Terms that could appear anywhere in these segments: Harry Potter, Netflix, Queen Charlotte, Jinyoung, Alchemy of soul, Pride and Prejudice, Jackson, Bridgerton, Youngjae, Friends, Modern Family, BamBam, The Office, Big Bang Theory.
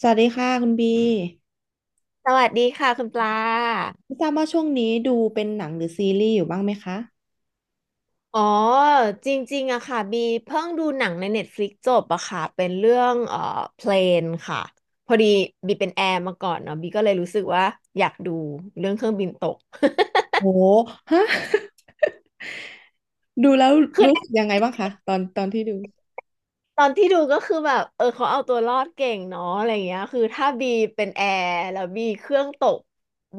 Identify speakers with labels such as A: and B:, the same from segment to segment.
A: สวัสดีค่ะคุณบี
B: สวัสดีค่ะคุณปลา
A: ไม่ทราบว่าช่วงนี้ดูเป็นหนังหรือซีรีส์อยู่บ้างไหมคะ
B: อ๋อจริงๆอะค่ะบีเพิ่งดูหนังใน Netflix จบอะค่ะเป็นเรื่องเพลนค่ะพอดีบีเป็นแอร์มาก่อนเนาะบีก็เลยรู้สึกว่าอยากดูเรื่องเครื่องบินตก
A: โหฮะ ดูแล้วรู้สึก ยังไงบ้างคะตอนที่ดู
B: ตอนที่ดูก็คือแบบเออเขาเอาตัวรอดเก่งเนาะอะไรเงี้ยคือถ้าบีเป็นแอร์แล้วบีเครื่องตก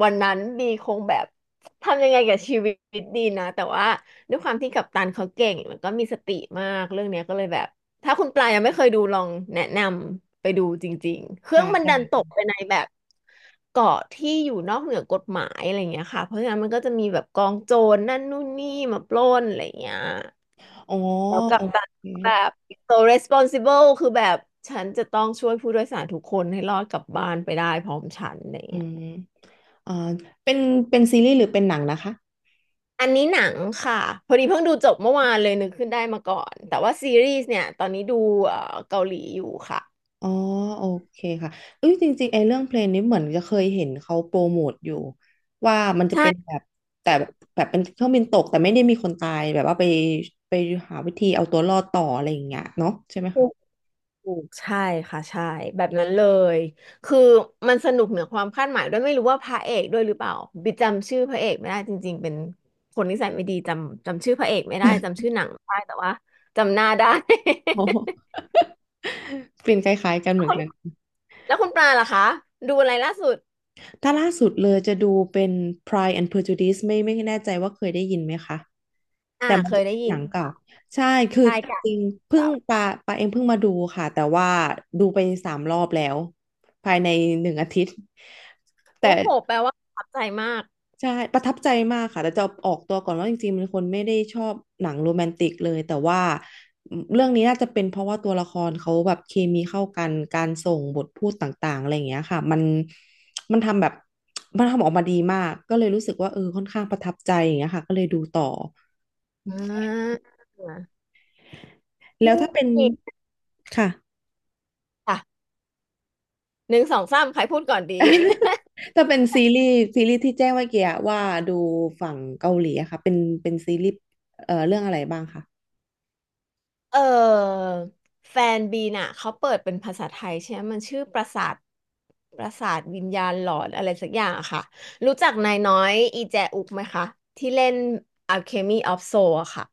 B: วันนั้นบีคงแบบทำยังไงกับชีวิตดีนะแต่ว่าด้วยความที่กัปตันเขาเก่งแล้วก็มีสติมากเรื่องเนี้ยก็เลยแบบถ้าคุณปลายยังไม่เคยดูลองแนะนำไปดูจริงๆเครื่อ
A: ค่ะ
B: งมันดันต
A: ได้
B: กไปในแบบเกาะที่อยู่นอกเหนือกฎหมายอะไรเงี้ยค่ะเพราะงั้นมันก็จะมีแบบกองโจรนั่นนู่นนี่มาปล้นอะไรเงี้ย
A: อ๋อ
B: แล้วกั
A: โอ
B: ปตัน
A: เค
B: แบบ so responsible คือแบบฉันจะต้องช่วยผู้โดยสารทุกคนให้รอดกลับบ้านไปได้พร้อมฉันอะไร
A: อื
B: เงี้ย
A: มอ่าเป็นซีรีส์หรือเป็นหนังนะคะ
B: อันนี้หนังค่ะ พอดีเพิ่งดูจบเมื่อวานเลยนึกขึ้นได้มาก่อน แต่ว่าซีรีส์เนี่ยตอนนี้ดูเกาหลีอยู่ค่ะ
A: อ๋อโอเคค่ะเอ้ยจริงๆไอ้เรื่องเพลงนี้เหมือนจะเคยเห็นเขาโปรโมทอยู่ว่ามันจะเป็นแบ
B: ใช่
A: บแต่แบบเป็นเครื่องบินตกแต่ไม่ได้มีคนตายแบบว่าไปไปหาวิธีเอาตัวรอดต่ออะไรอย่างเงี้ยเนาะใช่ไหม
B: ถู
A: คะ
B: กถูกใช่ค่ะใช่แบบนั้นเลย คือมันสนุกเหนือความคาดหมายด้วยไม่รู้ว่าพระเอกด้วยหรือเปล่า บิกจำชื่อพระเอกไม่ได้จริงๆเป็นคนนิสัยไม่ดีจำชื่อพระเอกไม่ได้จำชื่อหนังไม่ได้แต่ว่าจำหน้าได้
A: โอ้โห กลิ่นคล้ายๆกันเหมือ
B: คุ
A: น
B: ณ
A: กัน
B: แล้วคุณปลาล่ะคะดูอะไรล่าสุด
A: ถ้าล่าสุดเลยจะดูเป็น Pride and Prejudice ไม่แน่ใจว่าเคยได้ยินไหมคะ
B: อ่า
A: แต่มัน
B: เค
A: จะ
B: ยได้
A: เป็น
B: ยิ
A: ห
B: น
A: นังเก่าใช่คือ
B: ใช่ค่ะ
A: จริงเพิ่งปาเองเพิ่งมาดูค่ะแต่ว่าดูไปสามรอบแล้วภายในหนึ่งอาทิตย์แต่
B: โอ้โหแปลว่าประทับใจมาก
A: ใช่ประทับใจมากค่ะแต่จะออกตัวก่อนว่าจริงๆเป็นคนไม่ได้ชอบหนังโรแมนติกเลยแต่ว่าเรื่องนี้น่าจะเป็นเพราะว่าตัวละครเขาแบบเคมีเข้ากันการส่งบทพูดต่างๆอะไรอย่างเงี้ยค่ะมันทำแบบมันทำออกมาดีมากก็เลยรู้สึกว่าเออค่อนข้างประทับใจอย่างเงี้ยค่ะก็เลยดูต่อ
B: อ่า
A: แล้ว
B: นี่
A: ถ้าเป็นค่ะ
B: ค่ะหนึ่งสองสามใครพูดก่อนดี
A: ถ้าเป็นซีรีส์ที่แจ้งเมื่อกี้อะว่าดูฝั่งเกาหลีอะค่ะเป็นซีรีส์เรื่องอะไรบ้างคะ
B: เออแฟนบีน่ะเขาเปิดเป็นภาษาไทยใช่ไหมมันชื่อปราสาทวิญญาณหลอนอะไรสักอย่างอะค่ะรู้จักนายน้อยอีแจอุกไหมคะที่เล่น Alchemy of Soul อะค่ะ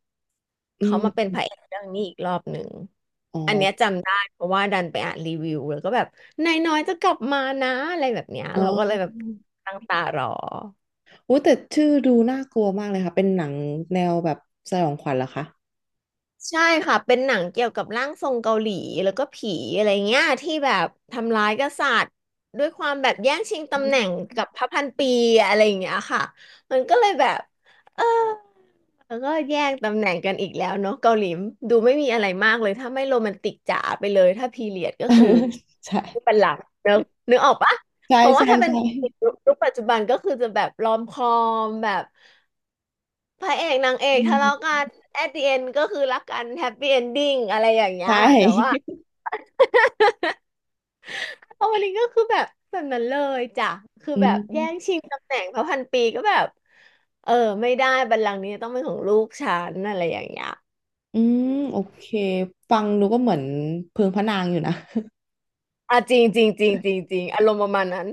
A: อื
B: เขามาเป็น
A: ม
B: พระเอกเรื่องนี้อีกรอบหนึ่ง
A: อ๋อ
B: อันเนี้ยจำได้เพราะว่าดันไปอ่านรีวิวแล้วก็แบบนายน้อยจะกลับมานะอะไรแบบเนี้ย
A: อ๋อ
B: เราก็เลยแบบตั้งตารอ
A: โอ้แต่ชื่อดูน่ากลัวมากเลยค่ะเป็นหนังแนวแบบสยองขวัญเหรอคะ
B: ใช่ค่ะเป็นหนังเกี่ยวกับร่างทรงเกาหลีแล้วก็ผีอะไรเงี้ยที่แบบทำร้ายกษัตริย์ด้วยความแบบแย่งชิงตำแหน่งกับพระพันปีอะไรอย่างเงี้ยค่ะมันก็เลยแบบเออแล้วก็แย่งตำแหน่งกันอีกแล้วเนาะเกาหลีดูไม่มีอะไรมากเลยถ้าไม่โรแมนติกจ๋าไปเลยถ้าพีเรียดก็คือ
A: ใช่
B: ไม่เป็นหลักเนอะนึกออกปะ
A: ใช่
B: เพราะว่า
A: ใช่
B: ถ้าเป็น
A: ใช่
B: ยุคปัจจุบันก็คือจะแบบรอมคอมแบบ พระเอกนางเอก
A: อื
B: ทะเลาะ
A: ม
B: กัน at the end ก็คือรักกัน happy ending อะไรอย่าง
A: ใช
B: เงี้ยแต่ว่า
A: ่
B: โอวัลินก็คือแบบนั้นเลยจ้ะคือ
A: อื
B: แบบแย่ง
A: ม
B: ชิงตำแหน่งพระพันปีก็แบบเออไม่ได้บัลลังก์นี้ต้องเป็นของลูกฉันอะไรอย่างเงี้ย
A: อืมโอเคฟังดูก็เหมือนเพิงพระนางอยู่นะ
B: อ่ะจริงจริงจริงจริงจริงอารมณ์ประมาณนั้น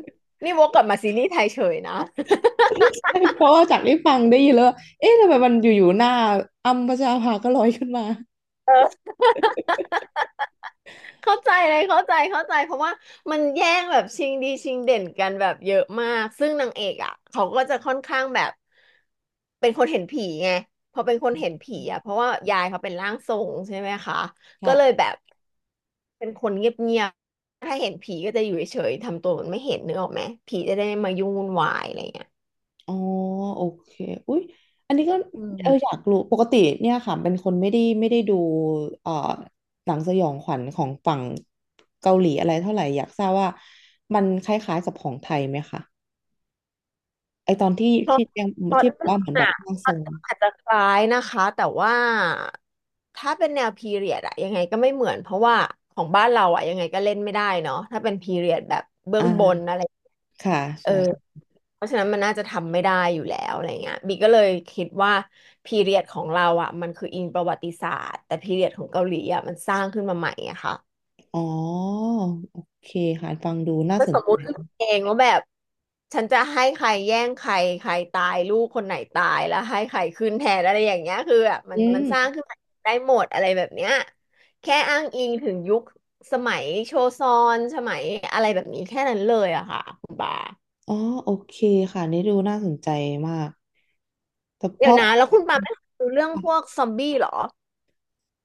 B: นี่วกกลับมาซีรีส์ไทยเฉยนะ
A: ใช่เพราะว่าจากที่ฟังได้ยินแล้วว่าเอ๊ะทำไมมันอยู่ๆหน้าอัมพชราภาก็ลอยขึ้นมา
B: เข้าใจเลยเข้าใจเข้าใจเพราะว่ามันแย่งแบบชิงดีชิงเด่นกันแบบเยอะมากซึ่งนางเอกอ่ะเขาก็จะค่อนข้างแบบเป็นคนเห็นผีไงพอเป็นคนเห็นผีอ่ะเพราะว่ายายเขาเป็นร่างทรงใช่ไหมคะก็เลย
A: ค่ะ
B: แบบเป็นคนเงียบๆถ้าเห็นผีก็จะอยู่เฉยๆทำตัวเหมือนไม่เห็นนึกออกไหมผีจะได้ไม่มายุ่งวุ่นวายอะไรเงี้ย
A: อ๋อโอเคอุ๊ยอันนี้ก็
B: อื
A: เอออ
B: ม
A: ยากรู้ปกติเนี่ยค่ะเป็นคนไม่ได้ดูเอ่อหนังสยองขวัญของฝั่งเกาหลีอะไรเท่าไหร่อยากทราบว่ามันคล้ายๆกับของไทยไหมคะไอตอนที่
B: เพราะ
A: ที่ยัง
B: เพราะ
A: ที่บอก
B: อ่อ
A: ว่าเห
B: ง
A: มือนแบบ
B: อะ
A: ร่างทรง
B: อาจจะคล้ายนะคะ แต่ว่าถ้าเป็นแนวพีเรียดอะยังไงก็ไม่เหมือนเพราะว่าของบ้านเราอะยังไงก็เล่นไม่ได้เนาะถ้าเป็นพีเรียดแบบเบื้องบน
A: อ่า
B: อะไร
A: ค่ะ
B: เออ
A: ใช่
B: เพราะฉะนั้นมันน่าจะทำไม่ได้อยู่แล้วอะไรเงี้ยบีก็เลยคิดว่าพีเรียดของเราอะมันคืออิงประวัติศาสตร์แต่พีเรียดของเกาหลีอะมันสร้างขึ้นมาใหม่อะค่ะ
A: อ๋อโอเคค่ะฟังดูน่า
B: ถ้า
A: ส
B: ส
A: น
B: ม
A: ใจ
B: มุติขึ้นมาเองว่าแบบฉันจะให้ใครแย่งใครใครตายลูกคนไหนตายแล้วให้ใครขึ้นแทนอะไรอย่างเงี้ยคือแบบมัน
A: อื
B: มันสร้าง
A: ม
B: ขึ้นมาได้หมดอะไรแบบเนี้ยแค่อ้างอิงถึงยุคสมัยโชซอนสมัยอะไรแบบนี้แค่นั้นเลยอะค่ะคุณปา
A: อ๋อโอเคค่ะนี่ดูน่าสนใจมากแต่เพ
B: เดี๋ยว
A: ราะ
B: นะแล้วคุณปาไม่ดูเรื่องพวกซอมบี้เหรอ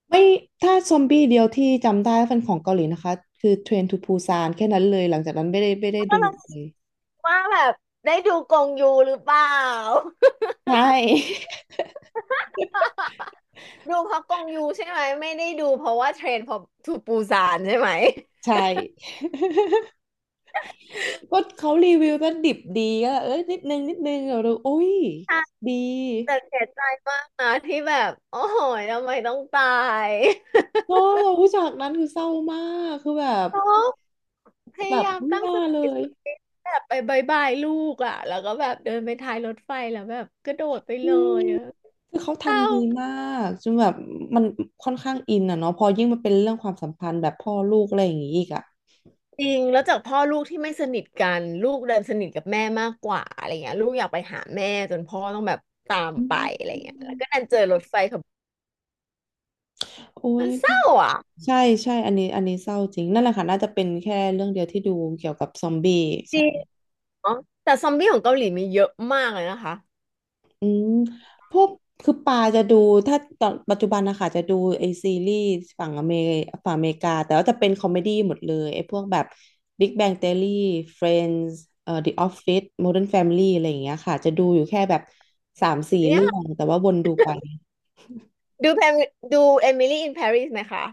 A: ไม่ถ้าซอมบี้เดียวที่จำได้ว่าเป็นของเกาหลีนะคะคือเทรนทูปูซานแค่นั้นเลยหลังจากนั้นไม่ได้
B: ก็
A: ดู
B: ลอง
A: เลย
B: ว่าแบบได้ดูกงยูหรือเปล่า
A: ใช่
B: ดูเพราะกงยูใช่ไหมไม่ได้ดูเพราะว่าเทรนพอทูปูซานใช่ไหม
A: ใช่ ก็เขารีวิวก็ดิบดีก็เอ้ยนิดนึงนิดนึงเราอุ้ย
B: ใช่
A: ดี
B: แต่เสียใจมากนะที่แบบโอ้โหยทำไมต้องตาย
A: เนอะเราผู้จากนั้นคือเศร้ามากคือแบบ
B: โอพ
A: แบ
B: ยา
A: บ
B: ยาม
A: ไม่
B: ตั้ง
A: น่า
B: ส
A: เล
B: ติ
A: ย
B: สุดฤทธิ์แบบไปบายบายลูกอ่ะแล้วก็แบบเดินไปท้ายรถไฟแล้วแบบกระโดดไปเลยอะ
A: คือเขา
B: เศร้า
A: ทำดีมากจนแบบมันค่อนข้างอินอ่ะเนาะพอยิ่งมันเป็นเรื่องความสัมพันธ์แบบพ่อลูกอะไรอย่างงี้อีกอ่ะ
B: จริงแล้วจากพ่อลูกที่ไม่สนิทกันลูกเดินสนิทกับแม่มากกว่าอะไรเงี้ยลูกอยากไปหาแม่จนพ่อต้องแบบตาม
A: อื
B: ไปอะ
A: ม
B: ไรเงี้ยแล้วก็ดันเจอรถไฟขับ
A: โอ้
B: มั
A: ย
B: นเศร้าอ่ะ
A: ใช่ใช่อันนี้อันนี้เศร้าจริงนั่นแหละค่ะน่าจะเป็นแค่เรื่องเดียวที่ดูเกี่ยวกับซอมบี้
B: จ
A: ใช่
B: ริงเนาะแต่ซอมบี้ของเกาหลีมีเยอะมากเลยนะคะ
A: อืมพวกคือปาจะดูถ้าตอนปัจจุบันนะคะจะดูไอซีรีส์ฝั่งอเมริฝั่งอเมริกาแต่ว่าจะเป็นคอมเมดี้หมดเลยไอพวกแบบ Big Bang Theory Friends The Office Modern Family อะไรอย่างเงี้ยค่ะจะดูอยู่แค่แบบสามสี่
B: เนี่
A: เรื่
B: ย
A: องแต่ว่าวนดูไป
B: ดูแพมดูเอมิลี่อินปารีสไหมคะ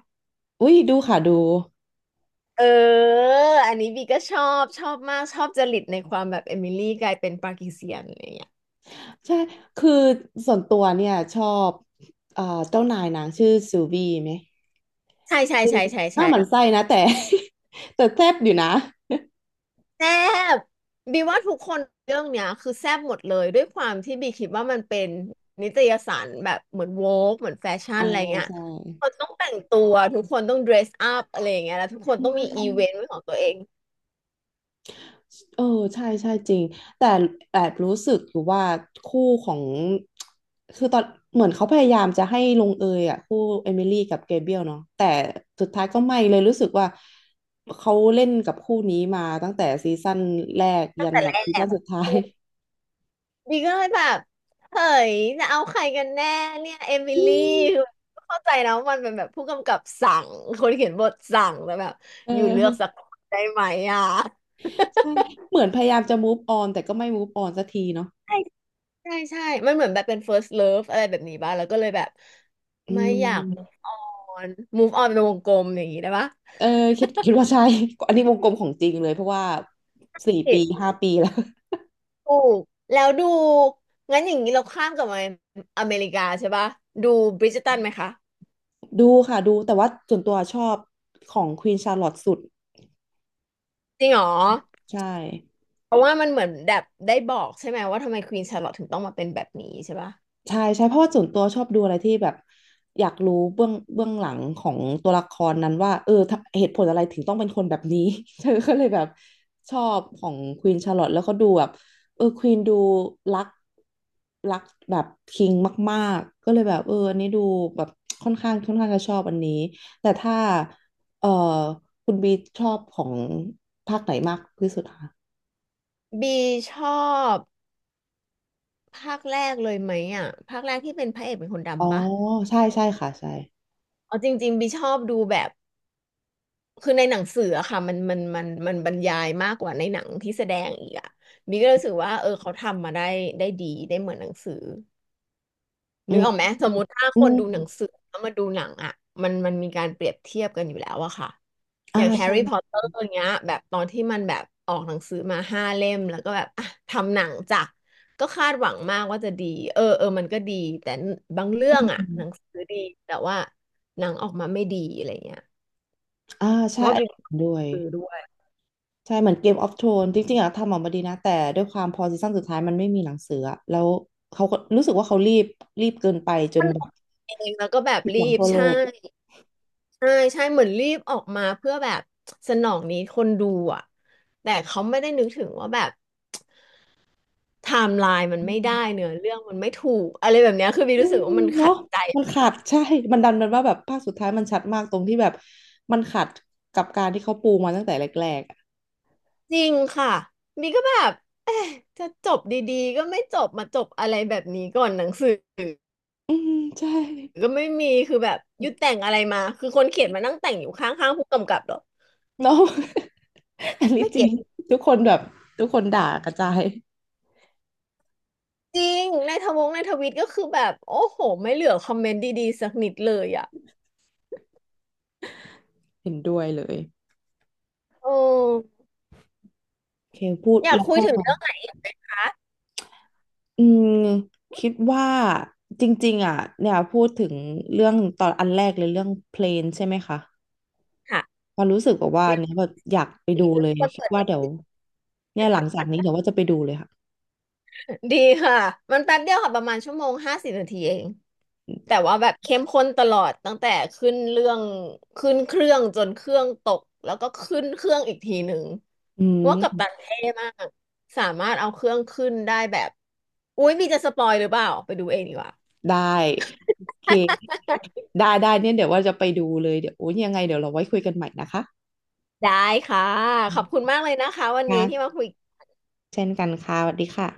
A: อุ้ยดูค่ะดู
B: เอออันนี้บีก็ชอบชอบมากชอบจริตในความแบบเอมิลี่กลายเป็นปากีเซียนอะไรอย่างเงี้ย
A: ใช่คือส่วนตัวเนี่ยชอบเอ่อเจ้านายนางชื่อซูวีไหม
B: ใช่ใช่ใช่ใช่
A: หน้าหมั่น
B: ใช่
A: ไส้นะแต่ แต่แซ่บอยู่นะ
B: แซ่บบีว่าทุกคนเรื่องเนี้ยคือแซ่บหมดเลยด้วยความที่บีคิดว่ามันเป็นนิตยสารแบบเหมือนโวกเหมือนแฟชั่น
A: อ่า
B: อะไรเงี้ย
A: ใช่
B: ทุกคนต้องแต่งตัวทุกคนต้องเดรสอัพอะไรอย่างเงี้ยแล้วทุกคน
A: อื
B: ต้องมีอี
A: ม
B: เวนต์เป็นของตัวเอง
A: เออใช่ใช่จริงแต่แอบรู้สึกอยู่ว่าคู่ของคือตอนเหมือนเขาพยายามจะให้ลงเอยอ่ะคู่เอมิลี่กับเกเบรียลเนาะแต่สุดท้ายก็ไม่เลยรู้สึกว่าเขาเล่นกับคู่นี้มาตั้งแต่ซีซั่นแรกยันแบบซี
B: แซ่
A: ซั่นสุ
B: บ
A: ดท้าย
B: ดีก็เลยแบบเฮ้ยจะเอาใครกันแน่เนี่ยเอมิ
A: อื
B: ลี่
A: ม
B: คือเข้าใจนะว่ามันเป็นแบบผู้กำกับสั่งคนเขียนบทสั่งแต่แบบ
A: เอ
B: อยู่เลือกสั
A: อ
B: กคนได้ไหมอ่ะ
A: ใช่เหมือนพยายามจะ move on แต่ก็ไม่ move on สักทีเนาะ
B: ใช่ใช่ใช่มันเหมือนแบบเป็น first love อะไรแบบนี้บ้างแล้วก็เลยแบบ
A: อื
B: ไม่อยาก move
A: ม
B: on move on เป็นวงกลมอย่างนี้ได้ปะ
A: เออคิดว่าใช่ อันนี้วงกลมของจริงเลยเพราะว่าสี่
B: นี่
A: ปีห้าปีแล้ว
B: ถูกแล้วดูงั้นอย่างนี้เราข้ามกลับมาอเมริกาใช่ป่ะดูบริจตันไหมคะ
A: ดูค่ะดูแต่ว่าส่วนตัวชอบของควีนชาร์ลอตสุด
B: จริงเหรอ
A: ใช่
B: เพราะว่ามันเหมือนแบบได้บอกใช่ไหมว่าทำไมควีนชาร์ลอตถึงต้องมาเป็นแบบนี้ใช่ปะ
A: ใช่ใช่เพราะว่าส่วนตัวชอบดูอะไรที่แบบอยากรู้เบื้องหลังของตัวละครนั้นว่าเออถ้าเหตุผลอะไรถึงต้องเป็นคนแบบนี้ เธอก็เลยแบบชอบของควีนชาร์ลอตแล้วก็ดูแบบเออควีนดูรัก แบบคิงมากๆก็เลยแบบเอออันนี้ดูแบบค่อนข้างจะชอบอันนี้แต่ถ้าเออคุณบีชอบของภาคไหนมากที่สุดคะ
B: บีชอบภาคแรกเลยไหมอ่ะภาคแรกที่เป็นพระเอกเป็นคน
A: อ๋อ
B: ดำปะ
A: ใช่ใช่ค่ะใช่
B: เอาจริงๆบีชอบดูแบบคือในหนังสืออะค่ะมันบรรยายมากกว่าในหนังที่แสดงอีกอ่ะบีก็รู้สึกว่าเออเขาทำมาได้ได้ดีได้เหมือนหนังสือ
A: อื
B: นึก
A: ม
B: ออกไหมสมมติถ้า
A: อื
B: คนดูหนั
A: ม
B: งสือแล้วมาดูหนังอ่ะมันมันมีการเปรียบเทียบกันอยู่แล้วอะค่ะอ
A: อ่า
B: ย่างแฮร์
A: ใช่
B: รี่พอตเตอร์เงี้ยแบบตอนที่มันแบบออกหนังสือมาห้าเล่มแล้วก็แบบอ่ะทำหนังจ้ะก็คาดหวังมากว่าจะดีเออเออมันก็ดีแต่บางเรื่
A: อื
B: องอ่ะหนัง
A: ม
B: สือดี แต่ว่าหนังออกมาไม่ดีอะไรเงี้ย
A: อ่า
B: เพ
A: ใช่
B: ราะว่า
A: อัน
B: บิน
A: นี้เห็นด้วย
B: สือด้วย
A: ใช่เหมือนเกมออฟโทนจริงๆอะทำออกมาดีนะแต่ด้วยความพอซีซั่นสุดท้ายมันไม่มีหนังสืออะแล้วเขาก็รู้สึกว่าเขารีบเกินไปจน
B: มัน
A: แบบ
B: เองแล้วก็แบบ
A: ผิดห
B: รี
A: วัง
B: บ
A: ทั่วโล
B: ใช่
A: ก
B: ใช่ใช่เหมือนรีบออกมาเพื่อแบบสนองนี้คนดูอ่ะแต่เขาไม่ได้นึกถึงว่าแบบ ไทม์ไลน์มันไม่ได้เนื้อเรื่องมันไม่ถูกอะไรแบบเนี้ยคือบี
A: อื
B: รู้สึ
A: ม
B: กว่ามันขั
A: เนาะ
B: ดใจ
A: มันขาดใช่ มันดันมันว่าแบบภาคสุดท้ายมันชัดมากตรงที่แบบมันขัดกับการที่เขาปูมาตั้งแต่แรกๆอะ
B: จริงค่ะบีก็แบบเอ๊ะจะจบดีๆก็ไม่จบมาจบอะไรแบบนี้ก่อนหนังสือ
A: อืมใช่
B: ก็ไม่มีคือแบบยุดแต่งอะไรมาคือคนเขียนมานั่งแต่งอยู่ข้างๆผู้กำกับเหรอ
A: เนาะ อันนี้
B: ไม่
A: จริ
B: เก็
A: ง
B: ต
A: ทุกคนแบบทุกคนด่ากระจาย
B: จริงในทวิตก็คือแบบโอ้โหไม่เหลือคอมเมนต์ดีๆสักนิดเลยอ่ะ
A: เห็นด้วยเลย
B: โอ้
A: โอเคพูด
B: อยาก
A: แล้ว
B: คุย
A: ก็
B: ถึงเรื่องไหนอีกไหมคะ
A: อืมคิดว่าจริงๆอ่ะเนี่ยพูดถึงเรื่องตอนอันแรกเลยเรื่องเพลนใช่ไหมคะ
B: ค่ะ
A: พอรู้สึกแบบว่า
B: อยาก
A: เนี่ยแบบอยากไปดูเลย
B: คุ
A: คิดว่า
B: ย
A: เดี๋ยวเนี่ยหลังจากนี้เดี๋ยวว่าจะไปดูเลยค่ะ
B: ดีค่ะ มันแป๊บเดียวค่ะประมาณชั่วโมง50นาทีเองแต่ว่าแบบเข้มข้นตลอดตั้งแต่ขึ้นเรื่องขึ้นเครื่องจนเครื่องตกแล้วก็ขึ้นเครื่องอีกทีหนึ่ง
A: อื
B: เพราะว่ากัปตั
A: ม
B: นเท่มากสามารถเอาเครื่องขึ้นได้แบบอุ๊ยมีจะสปอยหรือเปล่าไปดูเองดีกว่า
A: ได้โอเคได้ได้เนี่ยเดี๋ยวว่าจะไปดูเลยเดี๋ยวโอ้ยยังไงเดี๋ยวเราไว้คุยกันใหม่นะคะ
B: ได้ค่ะ
A: อื
B: ขอบคุณ
A: ม
B: มากเลยนะคะวันนี้ที่มา
A: ค่ะ
B: คุย
A: เช่นกันค่ะสวัสดีค่ะ